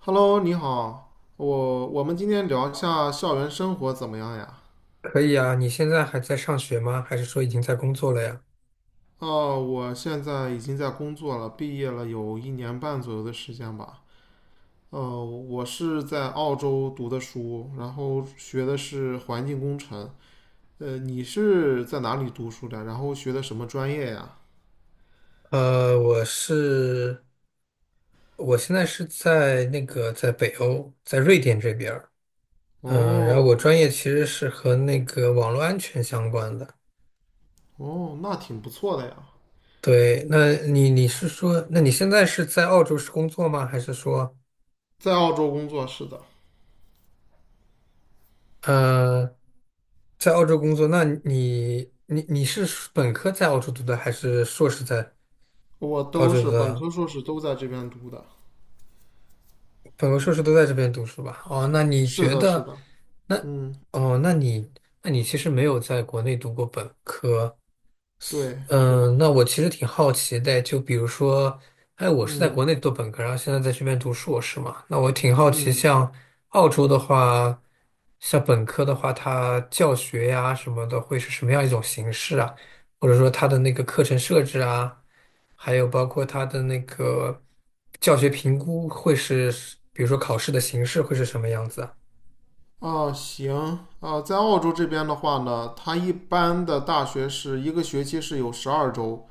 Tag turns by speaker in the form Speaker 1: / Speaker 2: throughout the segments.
Speaker 1: Hello，你好，我们今天聊一下校园生活怎么样呀？
Speaker 2: 可以啊，你现在还在上学吗？还是说已经在工作了呀？
Speaker 1: 哦，我现在已经在工作了，毕业了有1年半左右的时间吧。我是在澳洲读的书，然后学的是环境工程。你是在哪里读书的？然后学的什么专业呀？
Speaker 2: 呃，我是，我现在是在那个在北欧，在瑞典这边儿。然后我
Speaker 1: 哦，
Speaker 2: 专业其实是和那个网络安全相关的。
Speaker 1: 哦，那挺不错的呀，
Speaker 2: 对，那你是说，那你现在是在澳洲是工作吗？还是说，
Speaker 1: 在澳洲工作，是的，
Speaker 2: 呃，在澳洲工作？那你是本科在澳洲读的，还是硕士在
Speaker 1: 我
Speaker 2: 澳
Speaker 1: 都
Speaker 2: 洲
Speaker 1: 是
Speaker 2: 读
Speaker 1: 本
Speaker 2: 的？
Speaker 1: 科、硕士都在这边读的。
Speaker 2: 本科硕士都在这边读书吧？哦，那你
Speaker 1: 是
Speaker 2: 觉
Speaker 1: 的，是
Speaker 2: 得，
Speaker 1: 的，
Speaker 2: 那
Speaker 1: 嗯，
Speaker 2: 哦，那你那你其实没有在国内读过本科，
Speaker 1: 对，是的。
Speaker 2: 嗯，那我其实挺好奇的，就比如说，哎，我是在国
Speaker 1: 嗯
Speaker 2: 内读本科，然后现在在这边读硕士嘛，那我挺好奇，
Speaker 1: 嗯，
Speaker 2: 像澳洲的话，像本科的话，它教学呀什么的会是什么样一种形式啊？或者说它的那个课程设置啊，还有包括它的那个教学评估会是，比如说考试的形式会是什么样子啊？
Speaker 1: 哦，行，啊，在澳洲这边的话呢，它一般的大学是一个学期是有12周，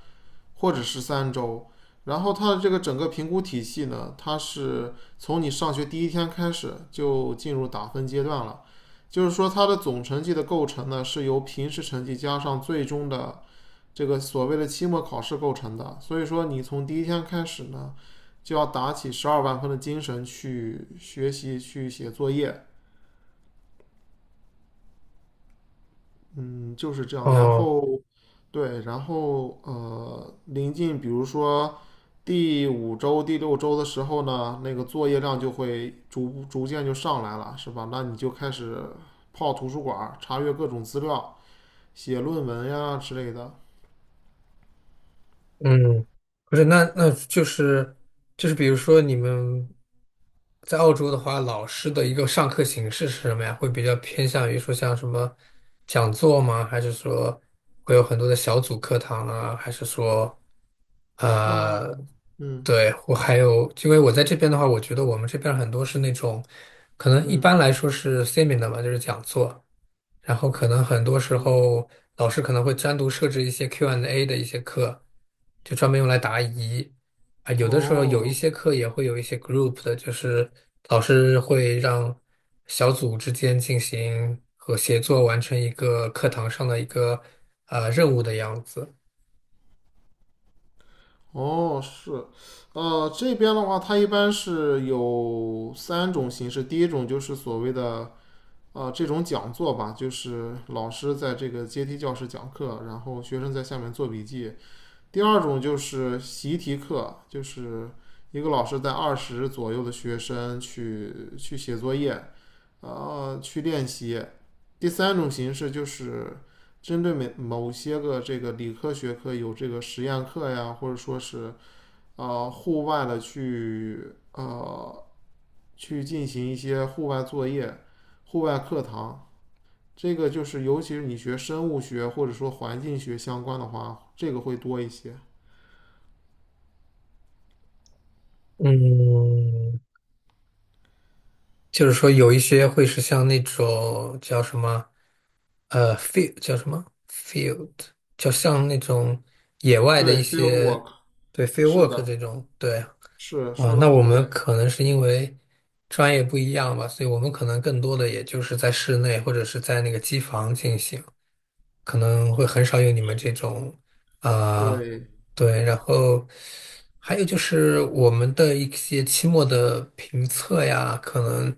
Speaker 1: 或者是3周。然后它的这个整个评估体系呢，它是从你上学第一天开始就进入打分阶段了，就是说它的总成绩的构成呢，是由平时成绩加上最终的这个所谓的期末考试构成的。所以说你从第一天开始呢，就要打起十二万分的精神去学习、去写作业，嗯，就是这样。然
Speaker 2: 哦
Speaker 1: 后对，然后临近比如说第五周、第六周的时候呢，那个作业量就会逐渐就上来了，是吧？那你就开始泡图书馆，查阅各种资料，写论文呀之类的。
Speaker 2: 嗯，不是，那就是，比如说你们在澳洲的话，老师的一个上课形式是什么呀？会比较偏向于说像什么讲座吗？还是说会有很多的小组课堂啊？还是说
Speaker 1: 啊，
Speaker 2: 呃，
Speaker 1: 嗯
Speaker 2: 对，我还有，因为我在这边的话，我觉得我们这边很多是那种可能一
Speaker 1: 嗯
Speaker 2: 般来说是 seminar 嘛，就是讲座。然后可能很多时
Speaker 1: 嗯，
Speaker 2: 候老师可能会单独设置一些 Q&A 的一些课，就专门用来答疑。啊，有的时候有一
Speaker 1: 哦
Speaker 2: 些课也会有一些 group 的，就是老师会让小组之间进行和协作，完成一个课堂上的一个任务的样子。
Speaker 1: 哦，是，这边的话，它一般是有三种形式。第一种就是所谓的这种讲座吧，就是老师在这个阶梯教室讲课，然后学生在下面做笔记，第二种就是习题课，就是一个老师带20左右的学生去写作业，去练习。第三种形式就是针对某些个这个理科学科有这个实验课呀，或者说是户外的去进行一些户外作业、户外课堂。这个就是，尤其是你学生物学或者说环境学相关的话，这个会多一些。
Speaker 2: 嗯，就是说有一些会是像那种叫什么，field 叫什么 field，就像那种野外的一
Speaker 1: 对，field
Speaker 2: 些，
Speaker 1: work，
Speaker 2: 对 field
Speaker 1: 是
Speaker 2: work
Speaker 1: 的，
Speaker 2: 这种，对，
Speaker 1: 是
Speaker 2: 啊，
Speaker 1: 说的
Speaker 2: 那我
Speaker 1: 很
Speaker 2: 们
Speaker 1: 对，
Speaker 2: 可能是因为专业不一样吧，所以我们可能更多的也就是在室内或者是在那个机房进行，可能会很少有你们这种，啊、
Speaker 1: 对，
Speaker 2: 对，然后还有就是我们的一些期末的评测呀，可能。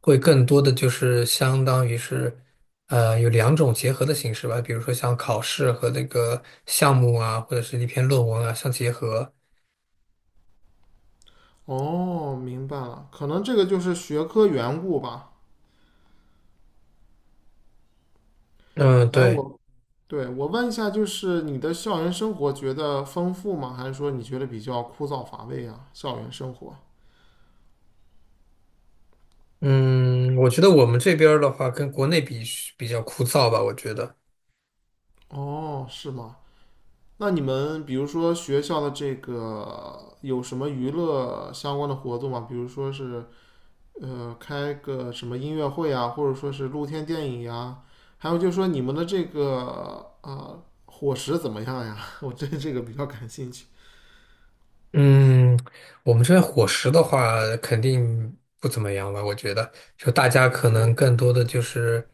Speaker 2: 会更多的就是相当于是，有两种结合的形式吧，比如说像考试和那个项目啊，或者是一篇论文啊相结合。
Speaker 1: 哦，明白了，可能这个就是学科缘故吧。
Speaker 2: 嗯，
Speaker 1: 哎，
Speaker 2: 对，
Speaker 1: 我，对，我问一下，就是你的校园生活觉得丰富吗？还是说你觉得比较枯燥乏味啊？校园生活？
Speaker 2: 嗯，我觉得我们这边儿的话，跟国内比较枯燥吧，我觉得。
Speaker 1: 哦，是吗？那你们比如说学校的这个有什么娱乐相关的活动吗？比如说是开个什么音乐会啊，或者说是露天电影呀、还有就是说你们的这个啊，伙食怎么样呀？我对这个比较感兴趣。
Speaker 2: 嗯，我们这边伙食的话，肯定不怎么样吧？我觉得，就大家可能更多的就是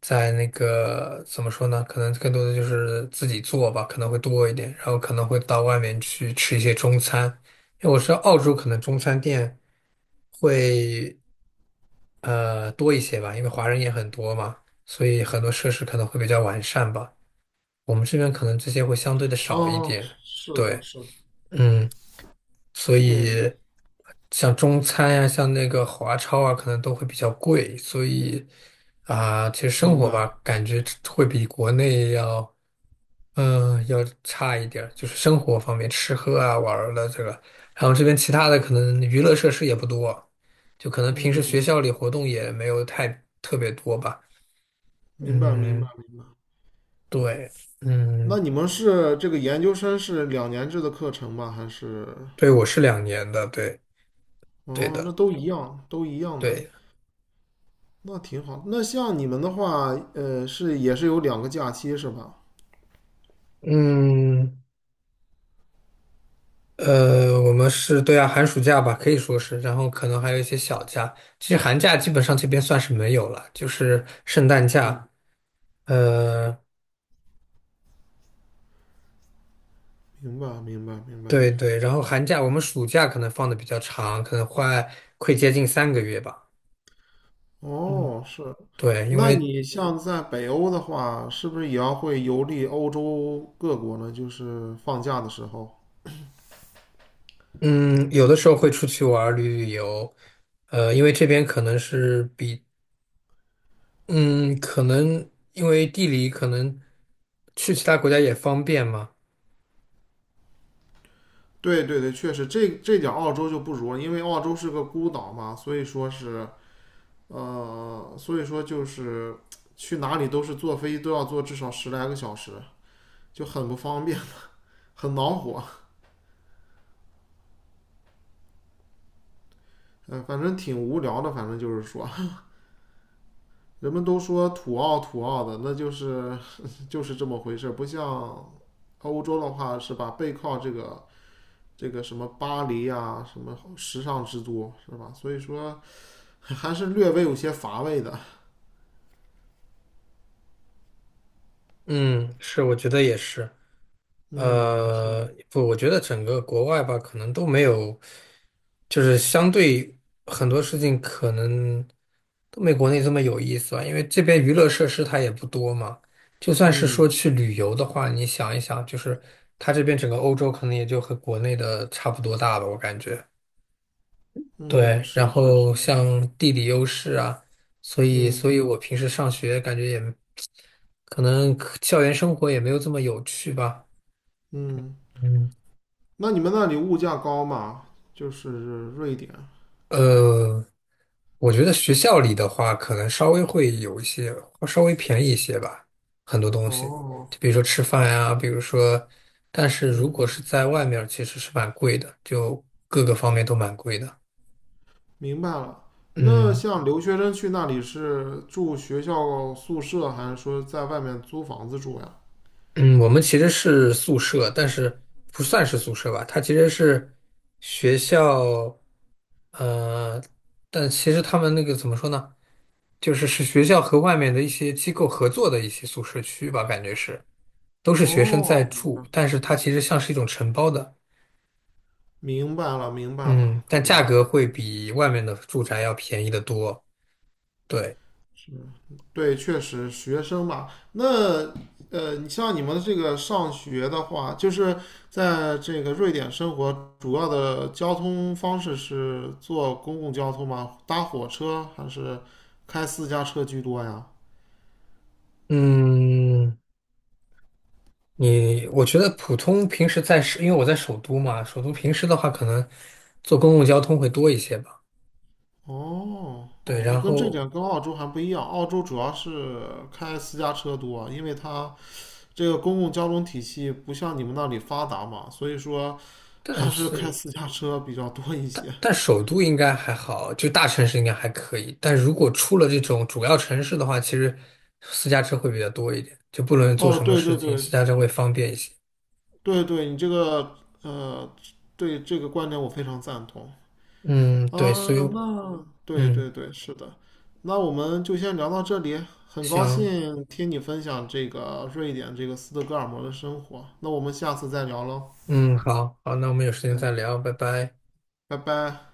Speaker 2: 在那个怎么说呢？可能更多的就是自己做吧，可能会多一点，然后可能会到外面去吃一些中餐。因为我知道澳洲可能中餐店会多一些吧，因为华人也很多嘛，所以很多设施可能会比较完善吧。我们这边可能这些会相对的少一
Speaker 1: 哦，
Speaker 2: 点。
Speaker 1: 是的，
Speaker 2: 对，
Speaker 1: 是的，
Speaker 2: 嗯。所以
Speaker 1: 对，
Speaker 2: 像中餐呀、像那个华超啊，可能都会比较贵，所以啊、其实生
Speaker 1: 明
Speaker 2: 活
Speaker 1: 白，
Speaker 2: 吧，感觉会比国内要，要差一点儿，就是生活方面，吃喝啊、玩儿的这个，然后这边其他的可能娱乐设施也不多，就可能平时学
Speaker 1: 嗯，
Speaker 2: 校里活动也没有太特别多吧。
Speaker 1: 明白，明白，
Speaker 2: 嗯，
Speaker 1: 明白。
Speaker 2: 对，嗯，
Speaker 1: 那你们是这个研究生是2年制的课程吗？还是？
Speaker 2: 对，我是2年的，对，对
Speaker 1: 哦，那
Speaker 2: 的，
Speaker 1: 都一样，都一样的，
Speaker 2: 对，
Speaker 1: 那挺好。那像你们的话，是也是有两个假期是吧？
Speaker 2: 嗯。我们是对啊，寒暑假吧，可以说是，然后可能还有一些小假。其实寒假基本上这边算是没有了，就是圣诞
Speaker 1: 嗯，
Speaker 2: 假。呃，
Speaker 1: 明白，明白，明白。
Speaker 2: 对对，然后寒假我们暑假可能放的比较长，可能快接近3个月吧。嗯，
Speaker 1: 哦，是。
Speaker 2: 对，因
Speaker 1: 那
Speaker 2: 为
Speaker 1: 你像在北欧的话，是不是也要会游历欧洲各国呢？就是放假的时候。
Speaker 2: 嗯，有的时候会出去玩儿旅游。因为这边可能是比嗯，可能因为地理可能去其他国家也方便嘛。
Speaker 1: 对对对，确实，这点澳洲就不如了，因为澳洲是个孤岛嘛，所以说是，所以说就是去哪里都是坐飞机都要坐至少10来个小时，就很不方便，很恼火。嗯、反正挺无聊的，反正就是说，人们都说土澳土澳的，那就是这么回事，不像欧洲的话是吧？背靠这个什么巴黎啊，什么时尚之都是吧？所以说还是略微有些乏味的。
Speaker 2: 嗯，是，我觉得也是。
Speaker 1: 嗯，是的，
Speaker 2: 不，我觉得整个国外吧，可能都没有，就是相对很多事情可能都没国内这么有意思吧，因为这边娱乐设施它也不多嘛。就算是说
Speaker 1: 嗯
Speaker 2: 去旅游的话，你想一想，就是它这边整个欧洲可能也就和国内的差不多大吧，我感觉。
Speaker 1: 嗯，
Speaker 2: 对，然
Speaker 1: 是是
Speaker 2: 后
Speaker 1: 是，
Speaker 2: 像地理优势啊，所以
Speaker 1: 嗯
Speaker 2: 所以我平时上学感觉也可能校园生活也没有这么有趣吧。
Speaker 1: 嗯。
Speaker 2: 嗯，
Speaker 1: 那你们那里物价高吗？就是瑞典。
Speaker 2: 呃，我觉得学校里的话，可能稍微会有一些，稍微便宜一些吧，很多东西，
Speaker 1: 哦，
Speaker 2: 就比如说吃饭呀，比如说，但是如果
Speaker 1: 嗯，
Speaker 2: 是在外面儿其实是蛮贵的，就各个方面都蛮贵的。
Speaker 1: 明白了。那
Speaker 2: 嗯。
Speaker 1: 像留学生去那里是住学校宿舍，还是说在外面租房子住呀？
Speaker 2: 嗯，我们其实是宿舍，但是不算是宿舍吧，它其实是学校，呃，但其实他们那个怎么说呢，就是是学校和外面的一些机构合作的一些宿舍区吧，感觉是都是学生在
Speaker 1: 哦，
Speaker 2: 住，但是它其实像是一种承包的，
Speaker 1: 明白了，明白了，
Speaker 2: 嗯，但
Speaker 1: 懂
Speaker 2: 价
Speaker 1: 了。
Speaker 2: 格会比外面的住宅要便宜得多，对，
Speaker 1: 对，确实，学生嘛，那你像你们这个上学的话，就是在这个瑞典生活，主要的交通方式是坐公共交通吗？搭火车还是开私家车居多呀？
Speaker 2: 嗯。我觉得普通平时因为我在首都嘛，首都平时的话可能坐公共交通会多一些吧。
Speaker 1: 哦
Speaker 2: 对，
Speaker 1: 哦，那
Speaker 2: 然
Speaker 1: 跟这
Speaker 2: 后
Speaker 1: 点跟澳洲还不一样，澳洲主要是开私家车多，因为它这个公共交通体系不像你们那里发达嘛，所以说
Speaker 2: 但
Speaker 1: 还是开
Speaker 2: 是
Speaker 1: 私家车比较多一些。
Speaker 2: 但首都应该还好，就大城市应该还可以。但如果出了这种主要城市的话，其实私家车会比较多一点，就不论做
Speaker 1: 哦，
Speaker 2: 什么
Speaker 1: 对
Speaker 2: 事
Speaker 1: 对
Speaker 2: 情，
Speaker 1: 对
Speaker 2: 私家车会方便一些。
Speaker 1: 对对，你这个呃，对这个观点我非常赞同。
Speaker 2: 嗯，对，
Speaker 1: 啊，
Speaker 2: 所以我
Speaker 1: 那对对
Speaker 2: 嗯，
Speaker 1: 对，是的，那我们就先聊到这里。很高
Speaker 2: 行，
Speaker 1: 兴听你分享这个瑞典这个斯德哥尔摩的生活，那我们下次再聊喽。
Speaker 2: 嗯，好好，那我们有时间
Speaker 1: 嗯，
Speaker 2: 再聊，拜拜。
Speaker 1: 拜拜。